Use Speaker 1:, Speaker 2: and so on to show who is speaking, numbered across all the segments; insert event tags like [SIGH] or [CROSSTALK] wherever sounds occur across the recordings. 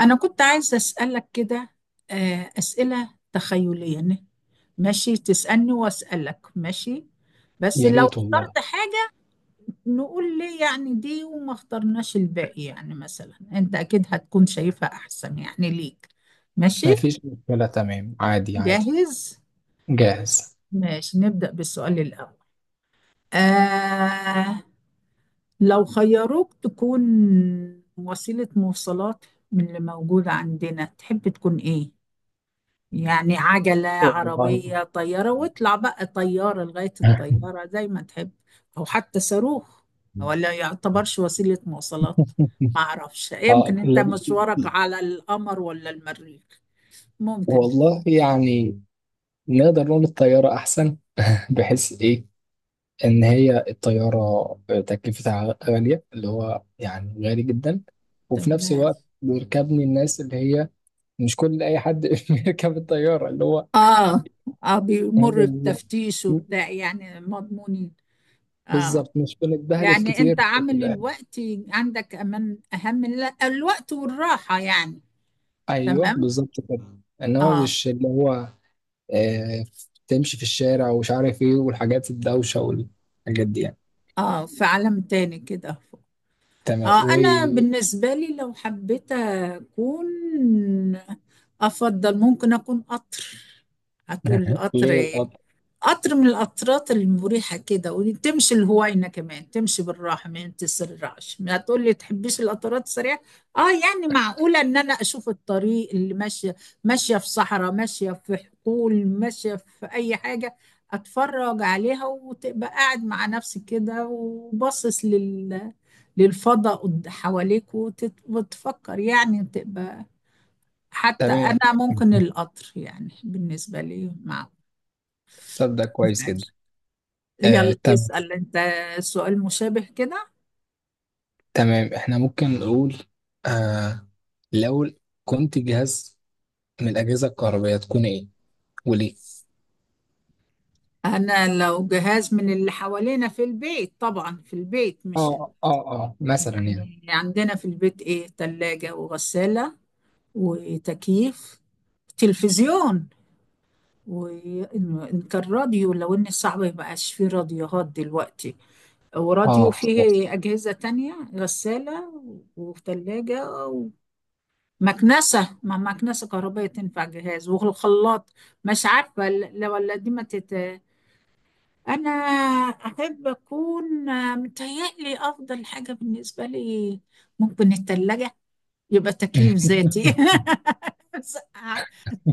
Speaker 1: أنا كنت عايزة أسألك كده، آه، أسئلة تخيلية ماشي. تسألني وأسألك. ماشي، بس
Speaker 2: يا
Speaker 1: لو
Speaker 2: ريت والله.
Speaker 1: اخترت حاجة نقول ليه يعني دي وما اخترناش الباقي. يعني مثلا أنت أكيد هتكون شايفها أحسن يعني ليك.
Speaker 2: ما
Speaker 1: ماشي.
Speaker 2: فيش مشكلة، تمام، عادي عادي.
Speaker 1: جاهز.
Speaker 2: جاهز.
Speaker 1: ماشي نبدأ بالسؤال الأول. آه، لو خيروك تكون وسيلة مواصلات من اللي موجودة عندنا تحب تكون إيه؟ يعني عجلة،
Speaker 2: والله
Speaker 1: عربية، طيارة، واطلع بقى طيارة لغاية
Speaker 2: [LAUGHS]
Speaker 1: الطيارة زي ما تحب. أو حتى صاروخ، ولا يعتبرش وسيلة مواصلات. ما أعرفش، يمكن
Speaker 2: اه
Speaker 1: أنت
Speaker 2: لا-
Speaker 1: مشوارك على القمر ولا المريخ، ممكن.
Speaker 2: والله يعني نقدر نقول الطيارة أحسن، بحيث إيه؟ إن هي الطيارة تكلفتها غالية، اللي هو يعني غالي جدا. وفي نفس
Speaker 1: تمام.
Speaker 2: الوقت بيركبني الناس اللي هي مش كل أي حد [LAUGHS] بيركب الطيارة، اللي هو
Speaker 1: آه. آه بيمر
Speaker 2: [LAUGHS]
Speaker 1: بتفتيش وبتاع، يعني مضمونين. آه.
Speaker 2: بالظبط. مش بنتبهدل
Speaker 1: يعني
Speaker 2: كتير
Speaker 1: أنت
Speaker 2: في
Speaker 1: عامل الوقت عندك أمان أهم لا، الوقت والراحة يعني.
Speaker 2: أيوه،
Speaker 1: تمام.
Speaker 2: بالظبط كده، إنما
Speaker 1: آه.
Speaker 2: مش اللي هو. آه، تمشي في الشارع ومش عارف ايه، والحاجات الدوشة والحاجات دي يعني.
Speaker 1: آه في عالم تاني كده.
Speaker 2: تمام،
Speaker 1: اه انا
Speaker 2: وليه.
Speaker 1: بالنسبه لي لو حبيت اكون، افضل ممكن اكون قطر. هتقول لي قطر إيه؟
Speaker 2: القطر [LAUGHS]
Speaker 1: قطر من القطرات المريحة كده، وتمشي الهوينة، كمان تمشي بالراحة ما تسرعش. ما تقولي تحبيش القطرات السريعة. اه يعني معقولة ان انا اشوف الطريق اللي ماشية، ماشية في صحراء، ماشية في حقول، ماشية في اي حاجة. اتفرج عليها وتبقى قاعد مع نفسك كده وباصص لل، للفضاء حواليك وتفكر. يعني تبقى، حتى
Speaker 2: تمام،
Speaker 1: انا ممكن القطر يعني بالنسبة لي،
Speaker 2: طب ده كويس
Speaker 1: معقول.
Speaker 2: جدا. آه،
Speaker 1: يلا
Speaker 2: تمام
Speaker 1: اسأل انت. سؤال مشابه كده.
Speaker 2: تمام. احنا ممكن نقول، آه لو كنت جهاز من الأجهزة الكهربائية تكون ايه وليه؟
Speaker 1: انا لو جهاز من اللي حوالينا في البيت، طبعا في البيت مش
Speaker 2: اه اه اه، مثلا يعني،
Speaker 1: يعني عندنا في البيت ايه، تلاجة، وغسالة، وتكييف، تلفزيون، وإن كان راديو، لو إن صعب مبقاش فيه راديوهات دلوقتي، وراديو،
Speaker 2: اه بالظبط
Speaker 1: فيه أجهزة تانية، غسالة، وثلاجة، مكنسة، ما مكنسة كهربائية تنفع جهاز، والخلاط. مش عارفة لو ولا دي ما تت... أنا أحب أكون، آه، متهيألي أفضل حاجة بالنسبة لي ممكن التلاجة. يبقى تكييف ذاتي. [LAUGHS] بس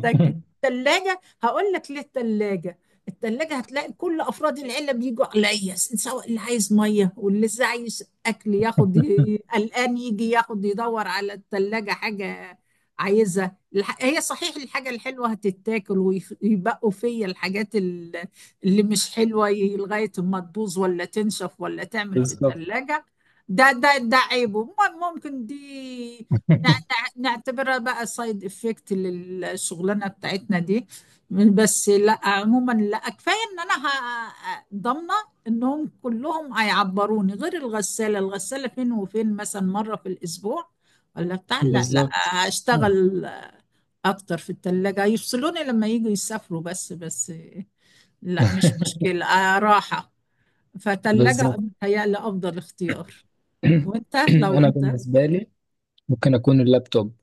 Speaker 1: تج- تلاجة. هقول لك ليه التلاجة. التلاجة هتلاقي كل أفراد العيلة بيجوا عليا، سواء اللي عايز مية واللي لسه عايز أكل ياخد، قلقان يجي ياخد يدور على التلاجة حاجة عايزها. هي صحيح الحاجة الحلوة هتتاكل، ويبقوا فيا الحاجات اللي مش حلوة، لغاية ما تبوظ ولا تنشف ولا تعمل في التلاجة. ده عيبه. ممكن دي
Speaker 2: [LAUGHS]
Speaker 1: نعتبرها بقى سايد افكت للشغلانه بتاعتنا دي. بس لا عموما، لا كفايه ان انا ضامنه انهم كلهم هيعبروني، غير الغساله فين وفين، مثلا مره في الاسبوع، ولا بتاع، لا لا،
Speaker 2: بالظبط [LAUGHS] بالظبط [LAUGHS]
Speaker 1: هشتغل اكتر في الثلاجه. يفصلوني لما يجوا يسافروا، بس لا مش مشكله، آه، راحه. فتلاجة
Speaker 2: بالظبط.
Speaker 1: متهيألي افضل اختيار.
Speaker 2: [CLEARS THROAT]
Speaker 1: وانت
Speaker 2: [COUGHS]
Speaker 1: لو
Speaker 2: انا
Speaker 1: انت.
Speaker 2: بالنسبه لي ممكن اكون اللابتوب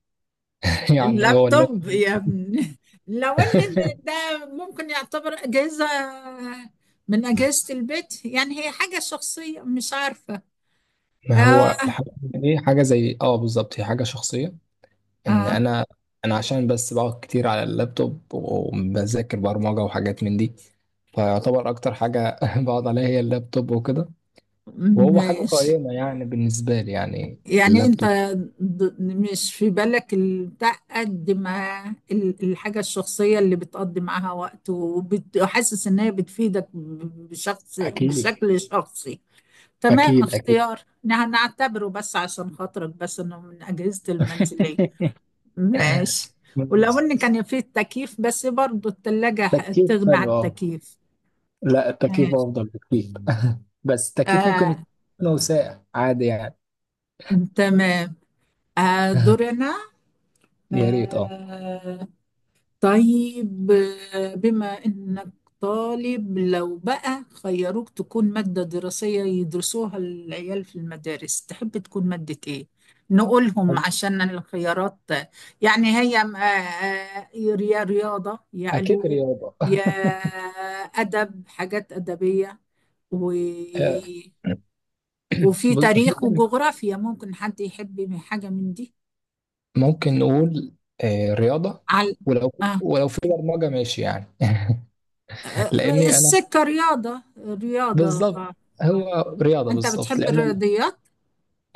Speaker 2: [LAUGHS] يعني هو اللاب
Speaker 1: اللابتوب يا ابني! لو ان
Speaker 2: [LAUGHS]
Speaker 1: ده ممكن يعتبر اجهزه من اجهزه البيت. يعني هي حاجه شخصيه مش عارفه.
Speaker 2: ما
Speaker 1: اه
Speaker 2: هو الحاجة دي حاجة زي، بالظبط، هي حاجة شخصية. ان
Speaker 1: اه
Speaker 2: انا عشان بس بقعد كتير على اللابتوب وبذاكر برمجة وحاجات من دي، فيعتبر اكتر حاجة [LAUGHS] بقعد عليها هي اللابتوب وكده. وهو حاجة
Speaker 1: ماشي،
Speaker 2: قائمة يعني بالنسبة لي، يعني
Speaker 1: يعني انت
Speaker 2: اللابتوب.
Speaker 1: مش في بالك البتاع قد ما الحاجه الشخصيه اللي بتقضي معاها وقت وحاسس ان هي بتفيدك بشخص
Speaker 2: اكيد
Speaker 1: بشكل شخصي. تمام،
Speaker 2: اكيد اكيد
Speaker 1: اختيار نعتبره بس عشان خاطرك، بس انه من اجهزه المنزليه.
Speaker 2: [LAUGHS]
Speaker 1: ماشي. ولو
Speaker 2: بس
Speaker 1: ان كان فيه التكييف، بس برضو التلاجة
Speaker 2: تكييف
Speaker 1: تغنى عن
Speaker 2: حلو اه.
Speaker 1: التكييف.
Speaker 2: لا، التكييف
Speaker 1: ماشي.
Speaker 2: افضل بكتير [LAUGHS] بس التكييف
Speaker 1: آه
Speaker 2: ممكن يكون ساقع عادي يعني
Speaker 1: تمام. آه
Speaker 2: [LAUGHS]
Speaker 1: دورنا.
Speaker 2: يا ريت اه.
Speaker 1: آه. طيب، آه، بما إنك طالب، لو بقى خيروك تكون مادة دراسية يدرسوها العيال في المدارس تحب تكون مادة إيه؟ نقولهم عشان الخيارات يعني، هي آه، آه، يا رياضة، يا
Speaker 2: أكيد
Speaker 1: علوم،
Speaker 2: رياضة
Speaker 1: يا أدب، حاجات أدبية، و...
Speaker 2: آه.
Speaker 1: وفي
Speaker 2: بص
Speaker 1: تاريخ
Speaker 2: ممكن
Speaker 1: وجغرافيا. ممكن حد يحب من حاجة من دي.
Speaker 2: نقول، رياضة.
Speaker 1: على
Speaker 2: ولو
Speaker 1: آه.
Speaker 2: ولو في برمجة ماشي يعني
Speaker 1: آه،
Speaker 2: [LAUGHS]
Speaker 1: آه،
Speaker 2: لأني أنا
Speaker 1: السكة رياضة. رياضة
Speaker 2: بالظبط،
Speaker 1: آه.
Speaker 2: هو رياضة
Speaker 1: أنت
Speaker 2: بالظبط
Speaker 1: بتحب
Speaker 2: لأن،
Speaker 1: الرياضيات؟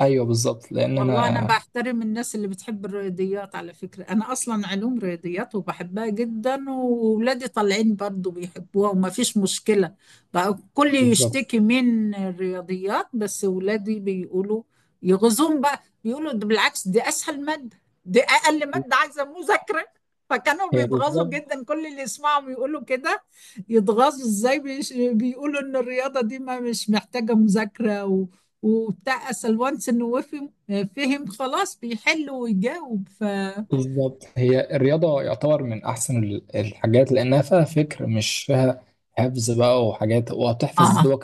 Speaker 2: أيوه بالظبط لأن
Speaker 1: والله أنا
Speaker 2: أنا
Speaker 1: بحترم الناس اللي بتحب الرياضيات على فكرة. أنا أصلا علوم رياضيات وبحبها جدا، وولادي طالعين برضو بيحبوها وما فيش مشكلة. بقى الكل
Speaker 2: بالظبط.
Speaker 1: يشتكي من الرياضيات، بس ولادي بيقولوا، يغزون بقى بيقولوا ده بالعكس دي أسهل مادة، دي أقل مادة عايزة مذاكرة. فكانوا
Speaker 2: هي
Speaker 1: بيتغاظوا
Speaker 2: بالظبط
Speaker 1: جدا كل اللي يسمعهم يقولوا كده. يتغاظوا إزاي، بيقولوا إن الرياضة دي ما مش محتاجة مذاكرة، و... وبتاع أسأل وانس إنه، وفي فهم خلاص بيحل ويجاوب. ف
Speaker 2: بالظبط. هي الرياضة يعتبر من أحسن الحاجات، لأنها فيها فكر، مش فيها حفظ بقى وحاجات. وبتحفظ
Speaker 1: آه.
Speaker 2: دوك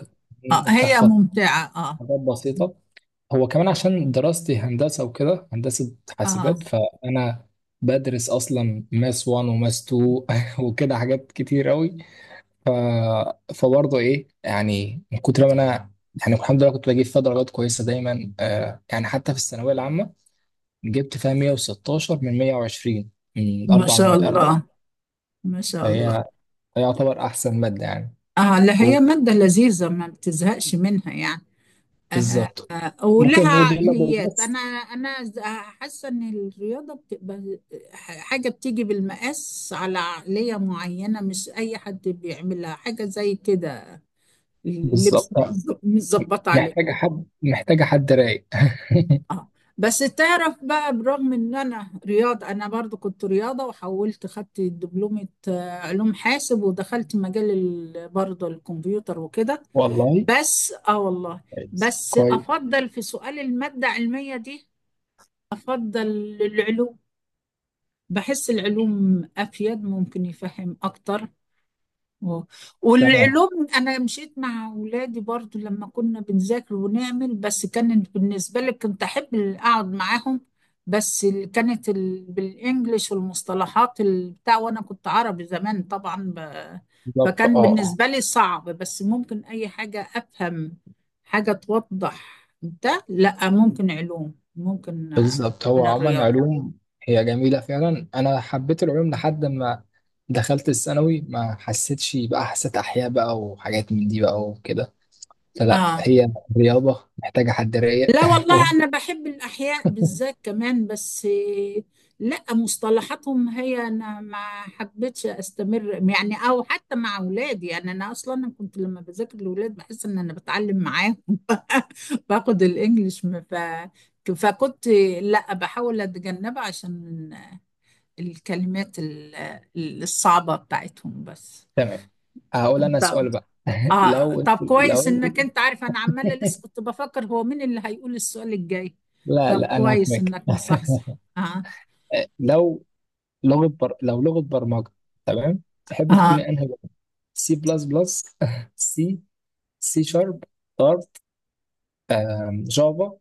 Speaker 1: اه
Speaker 2: التمرين،
Speaker 1: هي
Speaker 2: وبتحفظ
Speaker 1: ممتعة اه.
Speaker 2: حاجات بسيطة. هو كمان عشان دراستي هندسة وكده، هندسة
Speaker 1: اه،
Speaker 2: حاسبات، فأنا بدرس أصلا ماس 1 وماس 2 [LAUGHS] وكده حاجات كتير أوي. ف... فبرضه إيه يعني، من كتر ما أنا يعني الحمد لله كنت بجيب فيها درجات كويسة دايما، آه، يعني حتى في الثانوية العامة جبت فيها 116 من 120 من
Speaker 1: ما
Speaker 2: أربع
Speaker 1: شاء
Speaker 2: مواد أربع.
Speaker 1: الله ما شاء الله.
Speaker 2: فهي يعتبر أحسن مادة يعني.
Speaker 1: اه لا،
Speaker 2: و-
Speaker 1: هي مادة لذيذة ما بتزهقش منها يعني. آه.
Speaker 2: بالظبط. ممكن
Speaker 1: ولها
Speaker 2: نقول يلا
Speaker 1: عقليات. انا
Speaker 2: بس.
Speaker 1: حاسة ان الرياضة بتبقى حاجة بتيجي بالمقاس على عقلية معينة، مش اي حد بيعملها. حاجة زي كده، لبس
Speaker 2: بالظبط
Speaker 1: متظبط عليه.
Speaker 2: محتاجة حد رايق [LAUGHS]
Speaker 1: اه. بس تعرف بقى، برغم ان انا رياضة، انا برضو كنت رياضة وحولت، خدت دبلومة، آه، علوم حاسب، ودخلت مجال برضو الكمبيوتر وكده.
Speaker 2: والله،
Speaker 1: بس اه والله.
Speaker 2: كويس
Speaker 1: بس
Speaker 2: كويس،
Speaker 1: افضل في سؤال المادة العلمية دي، افضل العلوم. بحس العلوم افيد، ممكن يفهم اكتر. اه.
Speaker 2: تمام
Speaker 1: والعلوم انا مشيت مع اولادي برضو لما كنا بنذاكر ونعمل. بس كانت بالنسبه لي كنت احب اقعد معاهم. بس كانت ال... بالانجلش والمصطلحات بتاع، وانا كنت عربي زمان طبعا ب...
Speaker 2: بالظبط. اه
Speaker 1: فكان
Speaker 2: اه.
Speaker 1: بالنسبه لي صعب. بس ممكن اي حاجه افهم حاجه توضح ده، لا ممكن علوم. ممكن، آه،
Speaker 2: بالظبط
Speaker 1: عن
Speaker 2: هو عموما
Speaker 1: الرياضه.
Speaker 2: علوم. هي جميلة فعلا، أنا حبيت العلوم لحد ما دخلت الثانوي، ما حسيتش بقى، حسيت أحياء بقى وحاجات من دي بقى وكده. فلا،
Speaker 1: اه
Speaker 2: هي رياضة محتاجة حد رايق
Speaker 1: لا
Speaker 2: [LAUGHS]
Speaker 1: والله،
Speaker 2: و-
Speaker 1: أنا بحب الأحياء بالذات كمان، بس لا مصطلحاتهم، هي أنا ما حبيتش أستمر يعني، أو حتى مع أولادي. يعني أنا أصلا، أنا كنت لما بذاكر لأولاد بحس إن أنا بتعلم معاهم. [LAUGHS] باخد الإنجليش، ما ف... فكنت لا، بحاول أتجنبها عشان الكلمات الصعبة بتاعتهم بس.
Speaker 2: تمام. هقول أنا سؤال بقى [LAUGHS]
Speaker 1: اه طب
Speaker 2: لو
Speaker 1: كويس
Speaker 2: أنت
Speaker 1: انك انت عارف، انا عمالة
Speaker 2: [LAUGHS]
Speaker 1: لسه كنت بفكر هو مين اللي هيقول السؤال الجاي.
Speaker 2: لا
Speaker 1: طب
Speaker 2: لا، أنا
Speaker 1: كويس
Speaker 2: هفهمك
Speaker 1: انك
Speaker 2: [LAUGHS]
Speaker 1: مصحصح. اه.
Speaker 2: لو لو لغة برمجة، تمام، تحب
Speaker 1: اه.
Speaker 2: تكوني أنهي لغة؟ C++، سي [LAUGHS] C#، دارت، جافا،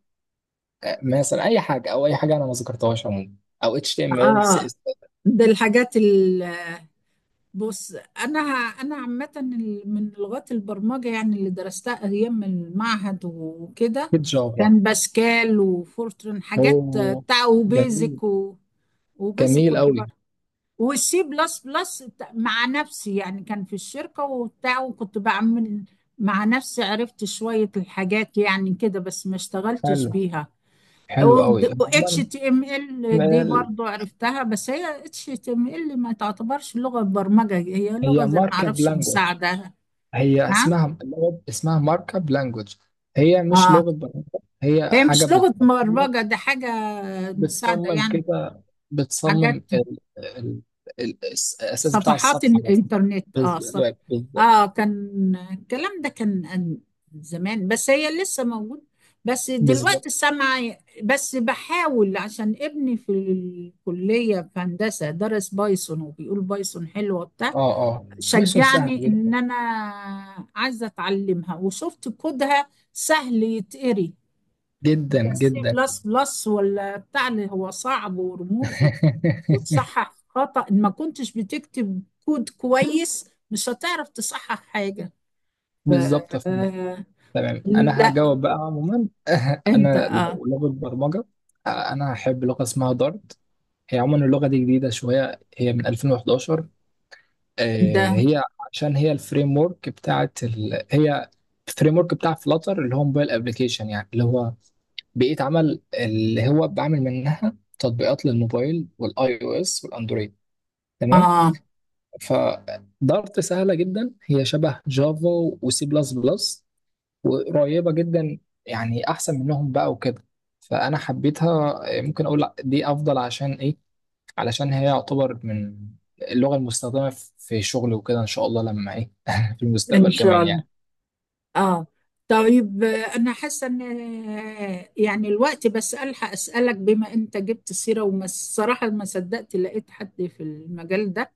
Speaker 2: آه، مثلا اي حاجه او اي حاجه انا ما ذكرتهاش عموما. او HTML، سي
Speaker 1: اه.
Speaker 2: اس اس،
Speaker 1: ده الحاجات ال، بص، انا انا عامة، من لغات البرمجة، يعني اللي درستها ايام المعهد وكده،
Speaker 2: اكيد جافا.
Speaker 1: كان باسكال وفورترن، حاجات
Speaker 2: اوه،
Speaker 1: بتاع،
Speaker 2: جميل،
Speaker 1: وبيزك، و... وبيزك
Speaker 2: جميل
Speaker 1: كنت،
Speaker 2: قوي.
Speaker 1: والسي بلس بلس، مع نفسي يعني كان في الشركة وبتاع وكنت بعمل، مع نفسي عرفت شوية الحاجات يعني كده، بس ما اشتغلتش
Speaker 2: حلو،
Speaker 1: بيها.
Speaker 2: حلو
Speaker 1: و
Speaker 2: قوي
Speaker 1: اتش
Speaker 2: عموما.
Speaker 1: تي ام ال دي
Speaker 2: ال-
Speaker 1: برضو عرفتها. بس هي اتش تي ام ال ما تعتبرش لغة برمجة، هي لغة
Speaker 2: هي
Speaker 1: زي ما
Speaker 2: ماركب
Speaker 1: اعرفش
Speaker 2: لانجوج.
Speaker 1: مساعدة.
Speaker 2: هي
Speaker 1: نعم.
Speaker 2: اسمها اللغة، اسمها ماركب لانجوج، هي مش
Speaker 1: اه،
Speaker 2: لغة برمجة. هي
Speaker 1: هي
Speaker 2: حاجة
Speaker 1: مش لغة
Speaker 2: بتصمم
Speaker 1: برمجة
Speaker 2: لك،
Speaker 1: دي، حاجة مساعدة
Speaker 2: بتصمم
Speaker 1: يعني،
Speaker 2: كده،
Speaker 1: حاجات،
Speaker 2: بتصمم ال ال ال الأساس بتاع
Speaker 1: صفحات
Speaker 2: الصفحة بس.
Speaker 1: الانترنت.
Speaker 2: بز-
Speaker 1: اه صف،
Speaker 2: بالظبط
Speaker 1: اه كان الكلام ده كان زمان، بس هي لسه موجود. بس دلوقتي
Speaker 2: بالظبط.
Speaker 1: السمع. بس بحاول عشان ابني في الكلية في هندسة درس بايثون وبيقول بايثون حلوة بتاع،
Speaker 2: اه اه، ميشن سهل
Speaker 1: شجعني ان
Speaker 2: جدا
Speaker 1: انا عايزة اتعلمها، وشفت كودها سهل يتقري.
Speaker 2: جدا
Speaker 1: بس سي
Speaker 2: جدا
Speaker 1: بلس بلس ولا بتاع اللي هو صعب ورموز،
Speaker 2: [LAUGHS]
Speaker 1: وتصحح خطأ إن ما كنتش بتكتب كود كويس مش هتعرف تصحح حاجة. ف...
Speaker 2: بالظبط يا فندم. تمام، انا
Speaker 1: لا
Speaker 2: هجاوب بقى عموما [LAUGHS]
Speaker 1: انت
Speaker 2: انا
Speaker 1: اه.
Speaker 2: لو لغه برمجه، آه، انا هحب لغه اسمها دارت. هي عموما اللغه دي جديده شويه، هي من 2011.
Speaker 1: ده.
Speaker 2: آه، هي عشان هي الفريم ورك بتاعت هي الفريم ورك بتاع فلاتر، اللي هو موبايل ابلكيشن يعني، اللي هو بيئه عمل، اللي هو بعمل منها تطبيقات للموبايل والاي او اس والاندرويد. تمام.
Speaker 1: اه
Speaker 2: فدارت سهلة جدا، هي شبه جافا وسي بلس بلس، وقريبة جدا، يعني أحسن منهم بقى وكده. فأنا حبيتها. ممكن أقول لأ، دي أفضل، عشان إيه؟ علشان هي يعتبر من اللغة المستخدمة في شغلي وكده، إن شاء الله لما إيه [LAUGHS] في
Speaker 1: ان
Speaker 2: المستقبل
Speaker 1: شاء
Speaker 2: كمان
Speaker 1: الله.
Speaker 2: يعني.
Speaker 1: اه، طيب، آه، انا حاسه ان آه، يعني الوقت بس الحق اسالك، بما انت جبت سيره، وما الصراحه ما صدقت لقيت حد في المجال ده.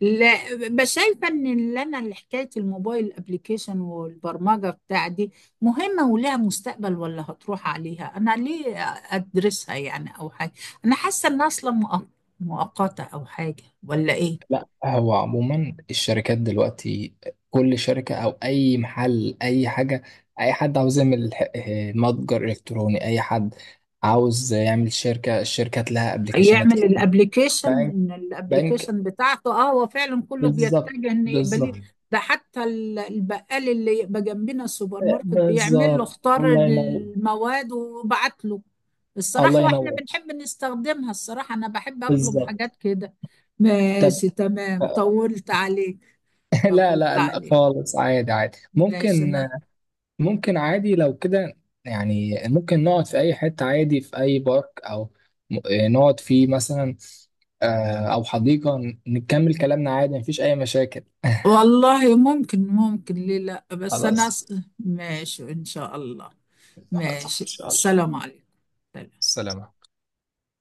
Speaker 1: لا، بس شايفه ان اللي انا، اللي حكايه الموبايل ابلكيشن والبرمجه بتاع دي، مهمه ولها مستقبل، ولا هتروح عليها انا ليه ادرسها يعني، او حاجه. انا حاسه انها اصلا مؤقته، او حاجه، ولا ايه؟
Speaker 2: لا، هو عموما الشركات دلوقتي كل شركة أو أي محل، أي حاجة. أي حد عاوز يعمل متجر إلكتروني. أي حد عاوز يعمل شركة، الشركات لها أبليكيشنات
Speaker 1: يعمل
Speaker 2: كتير.
Speaker 1: الابليكيشن.
Speaker 2: بنك، بنك،
Speaker 1: الابليكيشن بتاعته، اه هو فعلا كله
Speaker 2: بالظبط
Speaker 1: بيتجه ان يقبليه.
Speaker 2: بالظبط.
Speaker 1: ده حتى البقال اللي يبقى جنبنا السوبر
Speaker 2: آه،
Speaker 1: ماركت بيعمل له،
Speaker 2: بالظبط،
Speaker 1: اختار
Speaker 2: الله ينور،
Speaker 1: المواد وبعت له.
Speaker 2: الله
Speaker 1: الصراحة واحنا
Speaker 2: ينور،
Speaker 1: بنحب نستخدمها. الصراحة انا بحب اطلب
Speaker 2: بالظبط.
Speaker 1: حاجات كده.
Speaker 2: طب
Speaker 1: ماشي، تمام.
Speaker 2: [LAUGHS]
Speaker 1: طولت عليك.
Speaker 2: لا
Speaker 1: طولت
Speaker 2: لا لا،
Speaker 1: عليك.
Speaker 2: خالص عادي عادي
Speaker 1: ماشي، انا
Speaker 2: ممكن عادي لو كده، يعني ممكن نقعد في أي حتة عادي، في أي بارك أو نقعد فيه مثلا، آه، أو حديقة. نكمل كلامنا عادي، مفيش أي مشاكل.
Speaker 1: والله ممكن، ممكن ليه لا. بس انا
Speaker 2: خلاص.
Speaker 1: ماشي، ان شاء الله.
Speaker 2: خلاص
Speaker 1: ماشي،
Speaker 2: ان شاء الله،
Speaker 1: السلام عليكم.
Speaker 2: السلام عليكم.